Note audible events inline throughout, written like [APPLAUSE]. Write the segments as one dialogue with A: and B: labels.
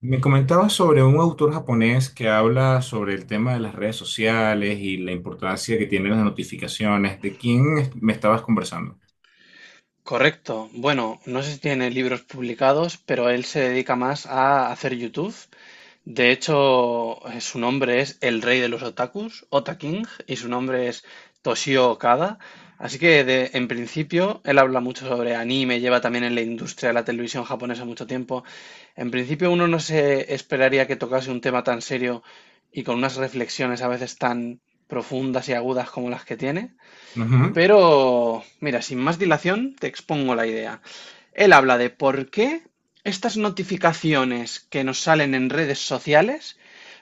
A: Me comentabas sobre un autor japonés que habla sobre el tema de las redes sociales y la importancia que tienen las notificaciones. ¿De quién me estabas conversando?
B: Correcto. Bueno, no sé si tiene libros publicados, pero él se dedica más a hacer YouTube. De hecho, su nombre es el rey de los otakus, Ota King, y su nombre es Toshio Okada. Así que, en principio, él habla mucho sobre anime, lleva también en la industria de la televisión japonesa mucho tiempo. En principio, uno no se esperaría que tocase un tema tan serio y con unas reflexiones a veces tan profundas y agudas como las que tiene.
A: Ujú.
B: Pero, mira, sin más dilación, te expongo la idea. Él habla de por qué estas notificaciones que nos salen en redes sociales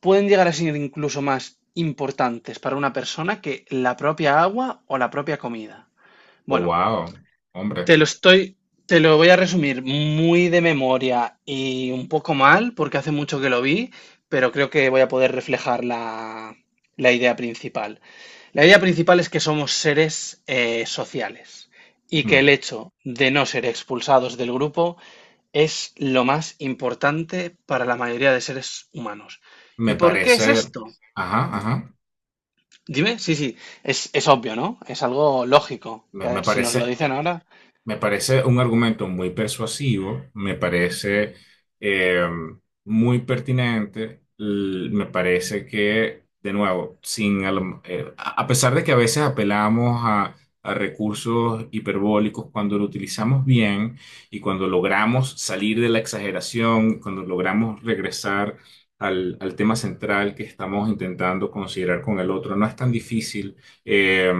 B: pueden llegar a ser incluso más importantes para una persona que la propia agua o la propia comida.
A: Oh,
B: Bueno,
A: wow, hombre.
B: te lo estoy, te lo voy a resumir muy de memoria y un poco mal, porque hace mucho que lo vi, pero creo que voy a poder reflejar la idea principal. La idea principal es que somos seres sociales y que el
A: Mm.
B: hecho de no ser expulsados del grupo es lo más importante para la mayoría de seres humanos. ¿Y
A: Me
B: por qué es
A: parece,
B: esto?
A: ajá, ajá.
B: Dime, sí, sí, es obvio, ¿no? Es algo lógico.
A: Me, me
B: Si nos lo
A: parece.
B: dicen ahora,
A: Me parece un argumento muy persuasivo, me parece eh, muy pertinente, me parece que, de nuevo, sin, a, lo- a pesar de que a veces apelamos a recursos hiperbólicos, cuando lo utilizamos bien y cuando logramos salir de la exageración, cuando logramos regresar al tema central que estamos intentando considerar con el otro, no es tan difícil eh,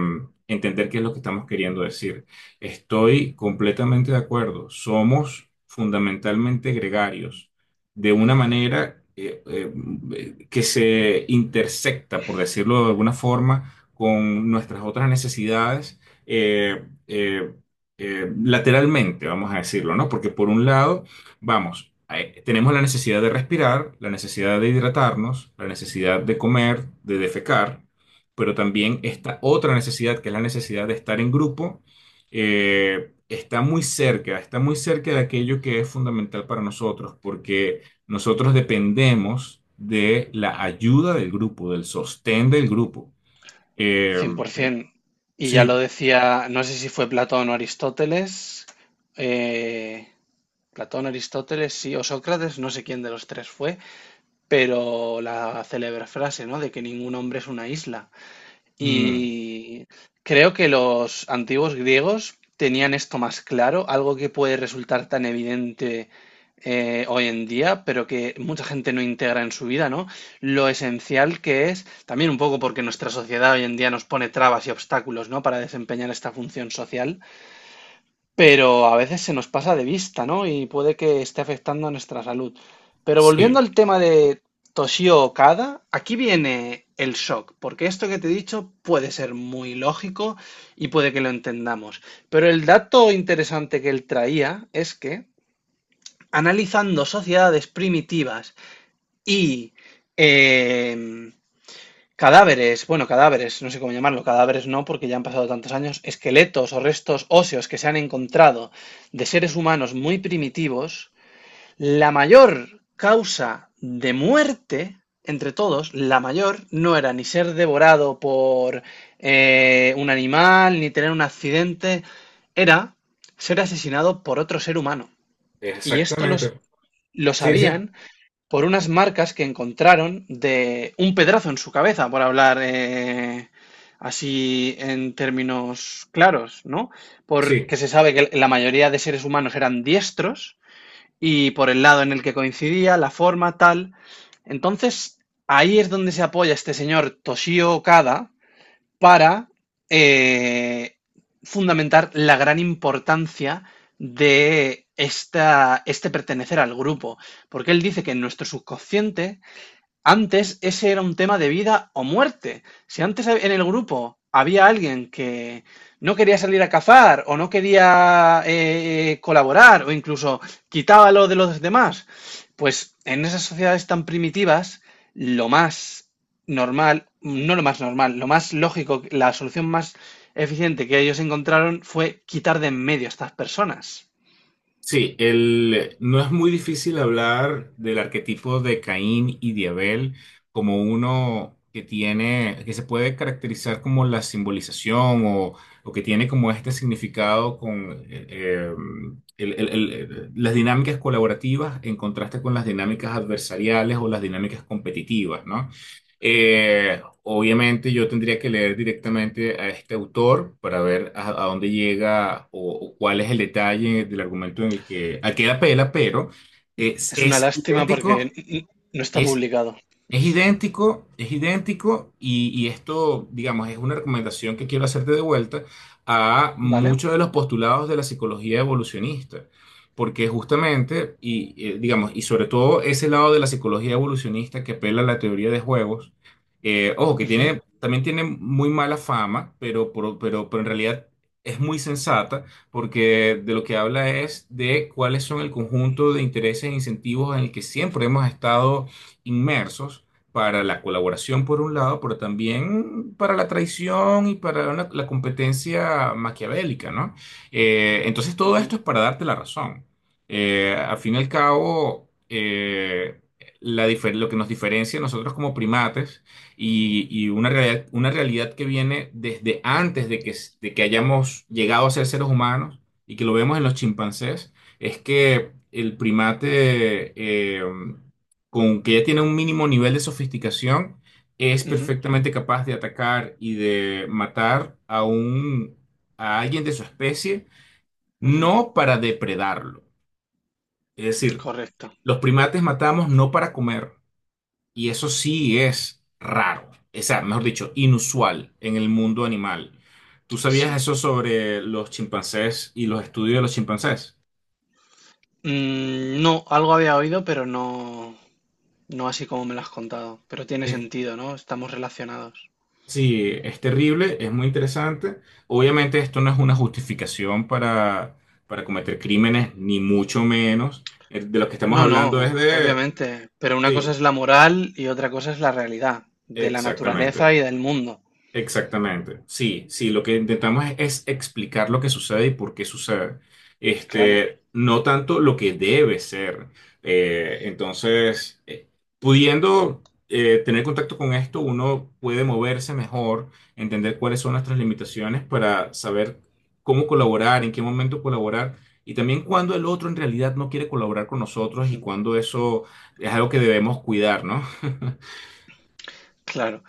A: entender qué es lo que estamos queriendo decir. Estoy completamente de acuerdo. Somos fundamentalmente gregarios, de una manera que se intersecta, por decirlo de alguna forma, con nuestras otras necesidades eh, eh, lateralmente, vamos a decirlo, ¿no? Porque por un lado, tenemos la necesidad de respirar, la necesidad de hidratarnos, la necesidad de comer, de defecar, pero también esta otra necesidad, que es la necesidad de estar en grupo está muy cerca de aquello que es fundamental para nosotros, porque nosotros dependemos de la ayuda del grupo, del sostén del grupo. Eh, eh,
B: 100%. Y ya lo
A: sí,
B: decía, no sé si fue Platón o Aristóteles. eh, Platón, Aristóteles, sí, o Sócrates, no sé quién de los tres fue, pero la célebre frase, ¿no?, de que ningún hombre es una isla.
A: mm,
B: Y creo que los antiguos griegos tenían esto más claro, algo que puede resultar tan evidente hoy en día, pero que mucha gente no integra en su vida, ¿no? Lo esencial que es, también un poco porque nuestra sociedad hoy en día nos pone trabas y obstáculos, ¿no?, para desempeñar esta función social, pero a veces se nos pasa de vista, ¿no?, y puede que esté afectando a nuestra salud. Pero volviendo
A: sí,
B: al tema de Toshio Okada, aquí viene el shock, porque esto que te he dicho puede ser muy lógico y puede que lo entendamos. Pero el dato interesante que él traía es que analizando sociedades primitivas y em, cadáveres, bueno, cadáveres, no sé cómo llamarlo, cadáveres no, porque ya han pasado tantos años, esqueletos o restos óseos que se han encontrado de seres humanos muy primitivos, la mayor causa de muerte entre todos, la mayor, no era ni ser devorado por un animal, ni tener un accidente, era ser asesinado por otro ser humano. Y esto
A: exactamente.
B: lo
A: Sí, sí,
B: sabían por unas marcas que encontraron de un pedrazo en su cabeza, por hablar así en términos claros, ¿no?
A: sí.
B: Porque se sabe que la mayoría de seres humanos eran diestros y por el lado en el que coincidía, la forma, tal. Entonces, ahí es donde se apoya este señor Toshio Okada, para eh, fundamentar la gran importancia de este pertenecer al grupo, porque él dice que en nuestro subconsciente antes ese era un tema de vida o muerte. Si antes en el grupo había alguien que no quería salir a cazar o no quería colaborar o incluso quitaba lo de los demás, pues en esas sociedades tan primitivas, lo más normal, no lo más normal, lo más lógico, la solución más eficiente que ellos encontraron fue quitar de en medio a estas personas.
A: Sí, el, no es muy difícil hablar del arquetipo de Caín y de Abel como uno que tiene, que se puede caracterizar como la simbolización o que tiene como este significado con las dinámicas colaborativas en contraste con las dinámicas adversariales o las dinámicas competitivas, ¿no? Obviamente yo tendría que leer directamente a este autor para ver a dónde llega o cuál es el detalle del argumento en el que, al que él apela, pero es,
B: Es una
A: es
B: lástima porque
A: idéntico,
B: no está
A: es
B: publicado,
A: es idéntico y esto, digamos, es una recomendación que quiero hacerte de vuelta a
B: ¿vale?
A: muchos de los postulados de la psicología evolucionista, porque justamente, digamos, y sobre todo ese lado de la psicología evolucionista que apela a la teoría de juegos, ojo, que
B: Ujú,
A: tiene, también tiene muy mala fama, pero en realidad es muy sensata, porque de lo que habla es de cuáles son el conjunto de intereses e incentivos en el que siempre hemos estado inmersos para la colaboración por un lado, pero también para la traición y para la competencia maquiavélica, ¿no? Entonces todo
B: ujú,
A: esto es para darte la razón. Al fin y al cabo, la lo que nos diferencia a nosotros como primates y una realidad que viene desde antes de que, de que hayamos llegado a ser seres humanos y que lo vemos en los chimpancés, es que el primate con que ya tiene un mínimo nivel de sofisticación, es
B: ujú.
A: perfectamente capaz de atacar y de matar a un a alguien de su especie,
B: Ujú,
A: no para depredarlo. Es decir,
B: correcto,
A: los primates matamos no para comer, y eso sí es raro, o sea, mejor dicho, inusual en el mundo animal. ¿Tú sabías
B: sí.
A: eso sobre los chimpancés y los estudios de los chimpancés?
B: Mm, no, algo había oído, pero no, no así como me lo has contado. Pero tiene sentido, ¿no? Estamos relacionados.
A: Sí, es terrible, es muy interesante. Obviamente esto no es una justificación para cometer crímenes, ni mucho menos. De lo que estamos
B: No,
A: hablando
B: no,
A: es de...
B: obviamente. Pero una cosa
A: Sí,
B: es la moral y otra cosa es la realidad de la naturaleza y
A: exactamente.
B: del mundo.
A: Exactamente, sí, sí, lo que intentamos es explicar lo que sucede y por qué sucede.
B: Claro,
A: Este, no tanto lo que debe ser. Entonces, pudiendo tener contacto con esto, uno puede moverse mejor, entender cuáles son nuestras limitaciones para saber cómo colaborar, en qué momento colaborar y también cuándo el otro en realidad no quiere colaborar con nosotros y cuándo eso es algo que debemos cuidar, ¿no? [LAUGHS]
B: claro.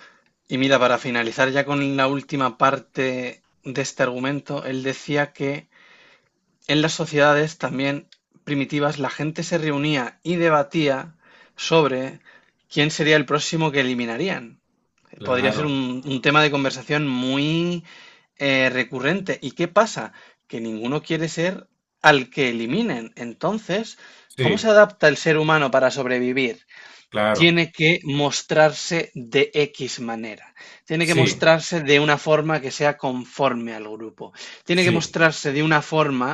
B: Y mira, para finalizar ya con la última parte de este argumento, él decía que en las sociedades también primitivas la gente se reunía y debatía sobre quién sería el próximo que eliminarían. Podría ser
A: Claro,
B: un tema de conversación muy recurrente. ¿Y qué pasa? Que ninguno quiere ser al que eliminen. Entonces, ¿cómo se
A: sí,
B: adapta el ser humano para sobrevivir?
A: claro,
B: Tiene que mostrarse de X manera, tiene que
A: sí.
B: mostrarse de una forma que sea conforme al grupo, tiene que
A: Sí,
B: mostrarse de una forma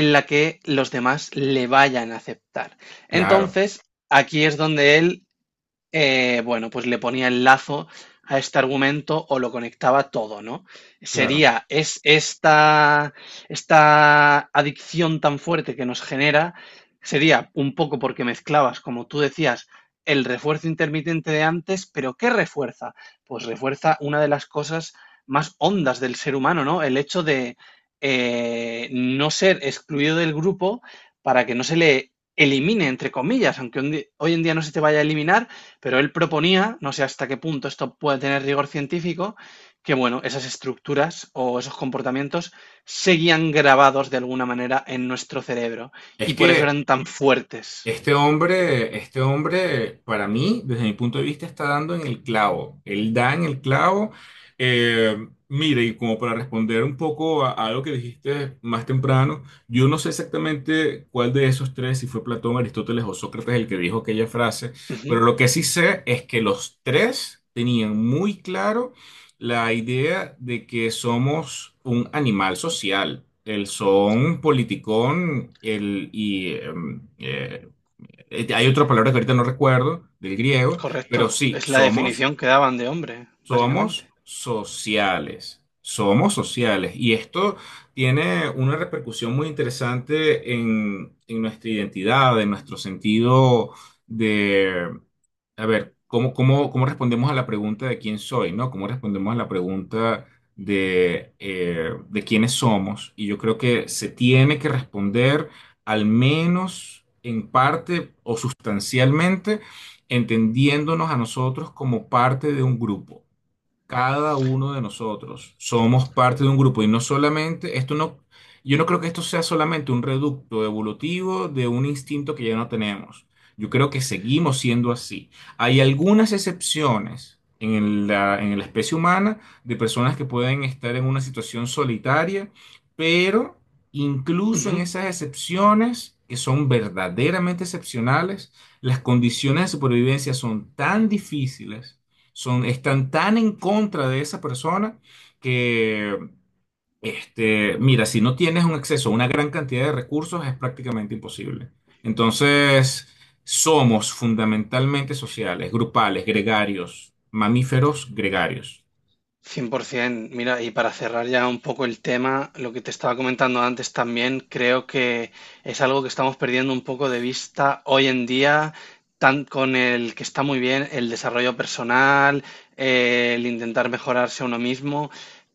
B: en la que los demás le vayan a aceptar.
A: claro,
B: Entonces, aquí es donde él bueno, pues le ponía el lazo a este argumento o lo conectaba todo, ¿no?
A: claro.
B: Sería, es esta adicción tan fuerte que nos genera, sería un poco porque mezclabas, como tú decías, el refuerzo intermitente de antes, pero ¿qué refuerza? Pues refuerza una de las cosas más hondas del ser humano, ¿no? El hecho de no ser excluido del grupo para que no se le elimine, entre comillas, aunque hoy en día no se te vaya a eliminar, pero él proponía, no sé hasta qué punto esto puede tener rigor científico, que bueno, esas estructuras o esos comportamientos seguían grabados de alguna manera en nuestro cerebro
A: Es
B: y por eso
A: que
B: eran tan fuertes.
A: este hombre, este hombre, para mí, desde mi punto de vista, está dando en el clavo. Él da en el clavo. Mire, y como para responder un poco a algo que dijiste más temprano, yo no sé exactamente cuál de esos tres, si fue Platón, Aristóteles o Sócrates el que dijo aquella frase, pero
B: Ujú,
A: lo que sí sé es que los tres tenían muy claro la idea de que somos un animal social. El son politicón hay otra palabra que ahorita no recuerdo, del griego, pero
B: correcto,
A: sí,
B: es la definición que daban de hombre, básicamente.
A: somos sociales, somos sociales. Y esto tiene una repercusión muy interesante en nuestra identidad, en nuestro sentido de, a ver, ¿cómo, cómo, cómo respondemos a la pregunta de quién soy, ¿no? ¿Cómo respondemos a la pregunta de quiénes somos? Y yo creo que se tiene que responder al menos en parte o sustancialmente entendiéndonos a nosotros como parte de un grupo. Cada uno de nosotros somos parte de un grupo y no solamente, esto no, yo no creo que esto sea solamente un reducto evolutivo de un instinto que ya no tenemos. Yo creo que seguimos siendo así. Hay algunas excepciones en la especie humana de personas que pueden estar en una situación solitaria, pero incluso en
B: Ujú.
A: esas excepciones, que son verdaderamente excepcionales, las condiciones de supervivencia son tan difíciles son, están tan en contra de esa persona que, este, mira, si no tienes un acceso a una gran cantidad de recursos es prácticamente imposible. Entonces, somos fundamentalmente sociales, grupales, gregarios, mamíferos gregarios.
B: 100%. Mira, y para cerrar ya un poco el tema, lo que te estaba comentando antes también, creo que es algo que estamos perdiendo un poco de vista hoy en día, tan con el que está muy bien el desarrollo personal, el intentar mejorarse a uno mismo,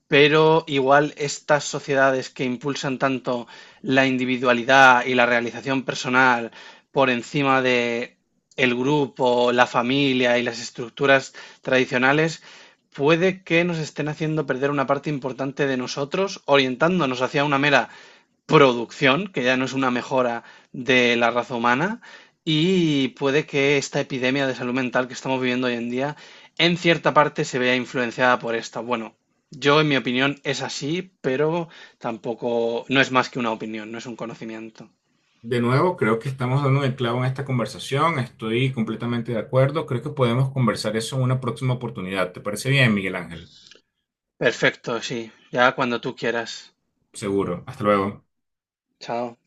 B: pero igual estas sociedades que impulsan tanto la individualidad y la realización personal por encima de el grupo, la familia y las estructuras tradicionales, puede que nos estén haciendo perder una parte importante de nosotros, orientándonos hacia una mera producción, que ya no es una mejora de la raza humana, y puede que esta epidemia de salud mental que estamos viviendo hoy en día, en cierta parte se vea influenciada por esta. Bueno, yo en mi opinión es así, pero tampoco, no es más que una opinión, no es un conocimiento.
A: De nuevo, creo que estamos dando el clavo en esta conversación. Estoy completamente de acuerdo. Creo que podemos conversar eso en una próxima oportunidad. ¿Te parece bien, Miguel Ángel?
B: Perfecto, sí, ya cuando tú quieras.
A: Seguro. Hasta luego.
B: Chao.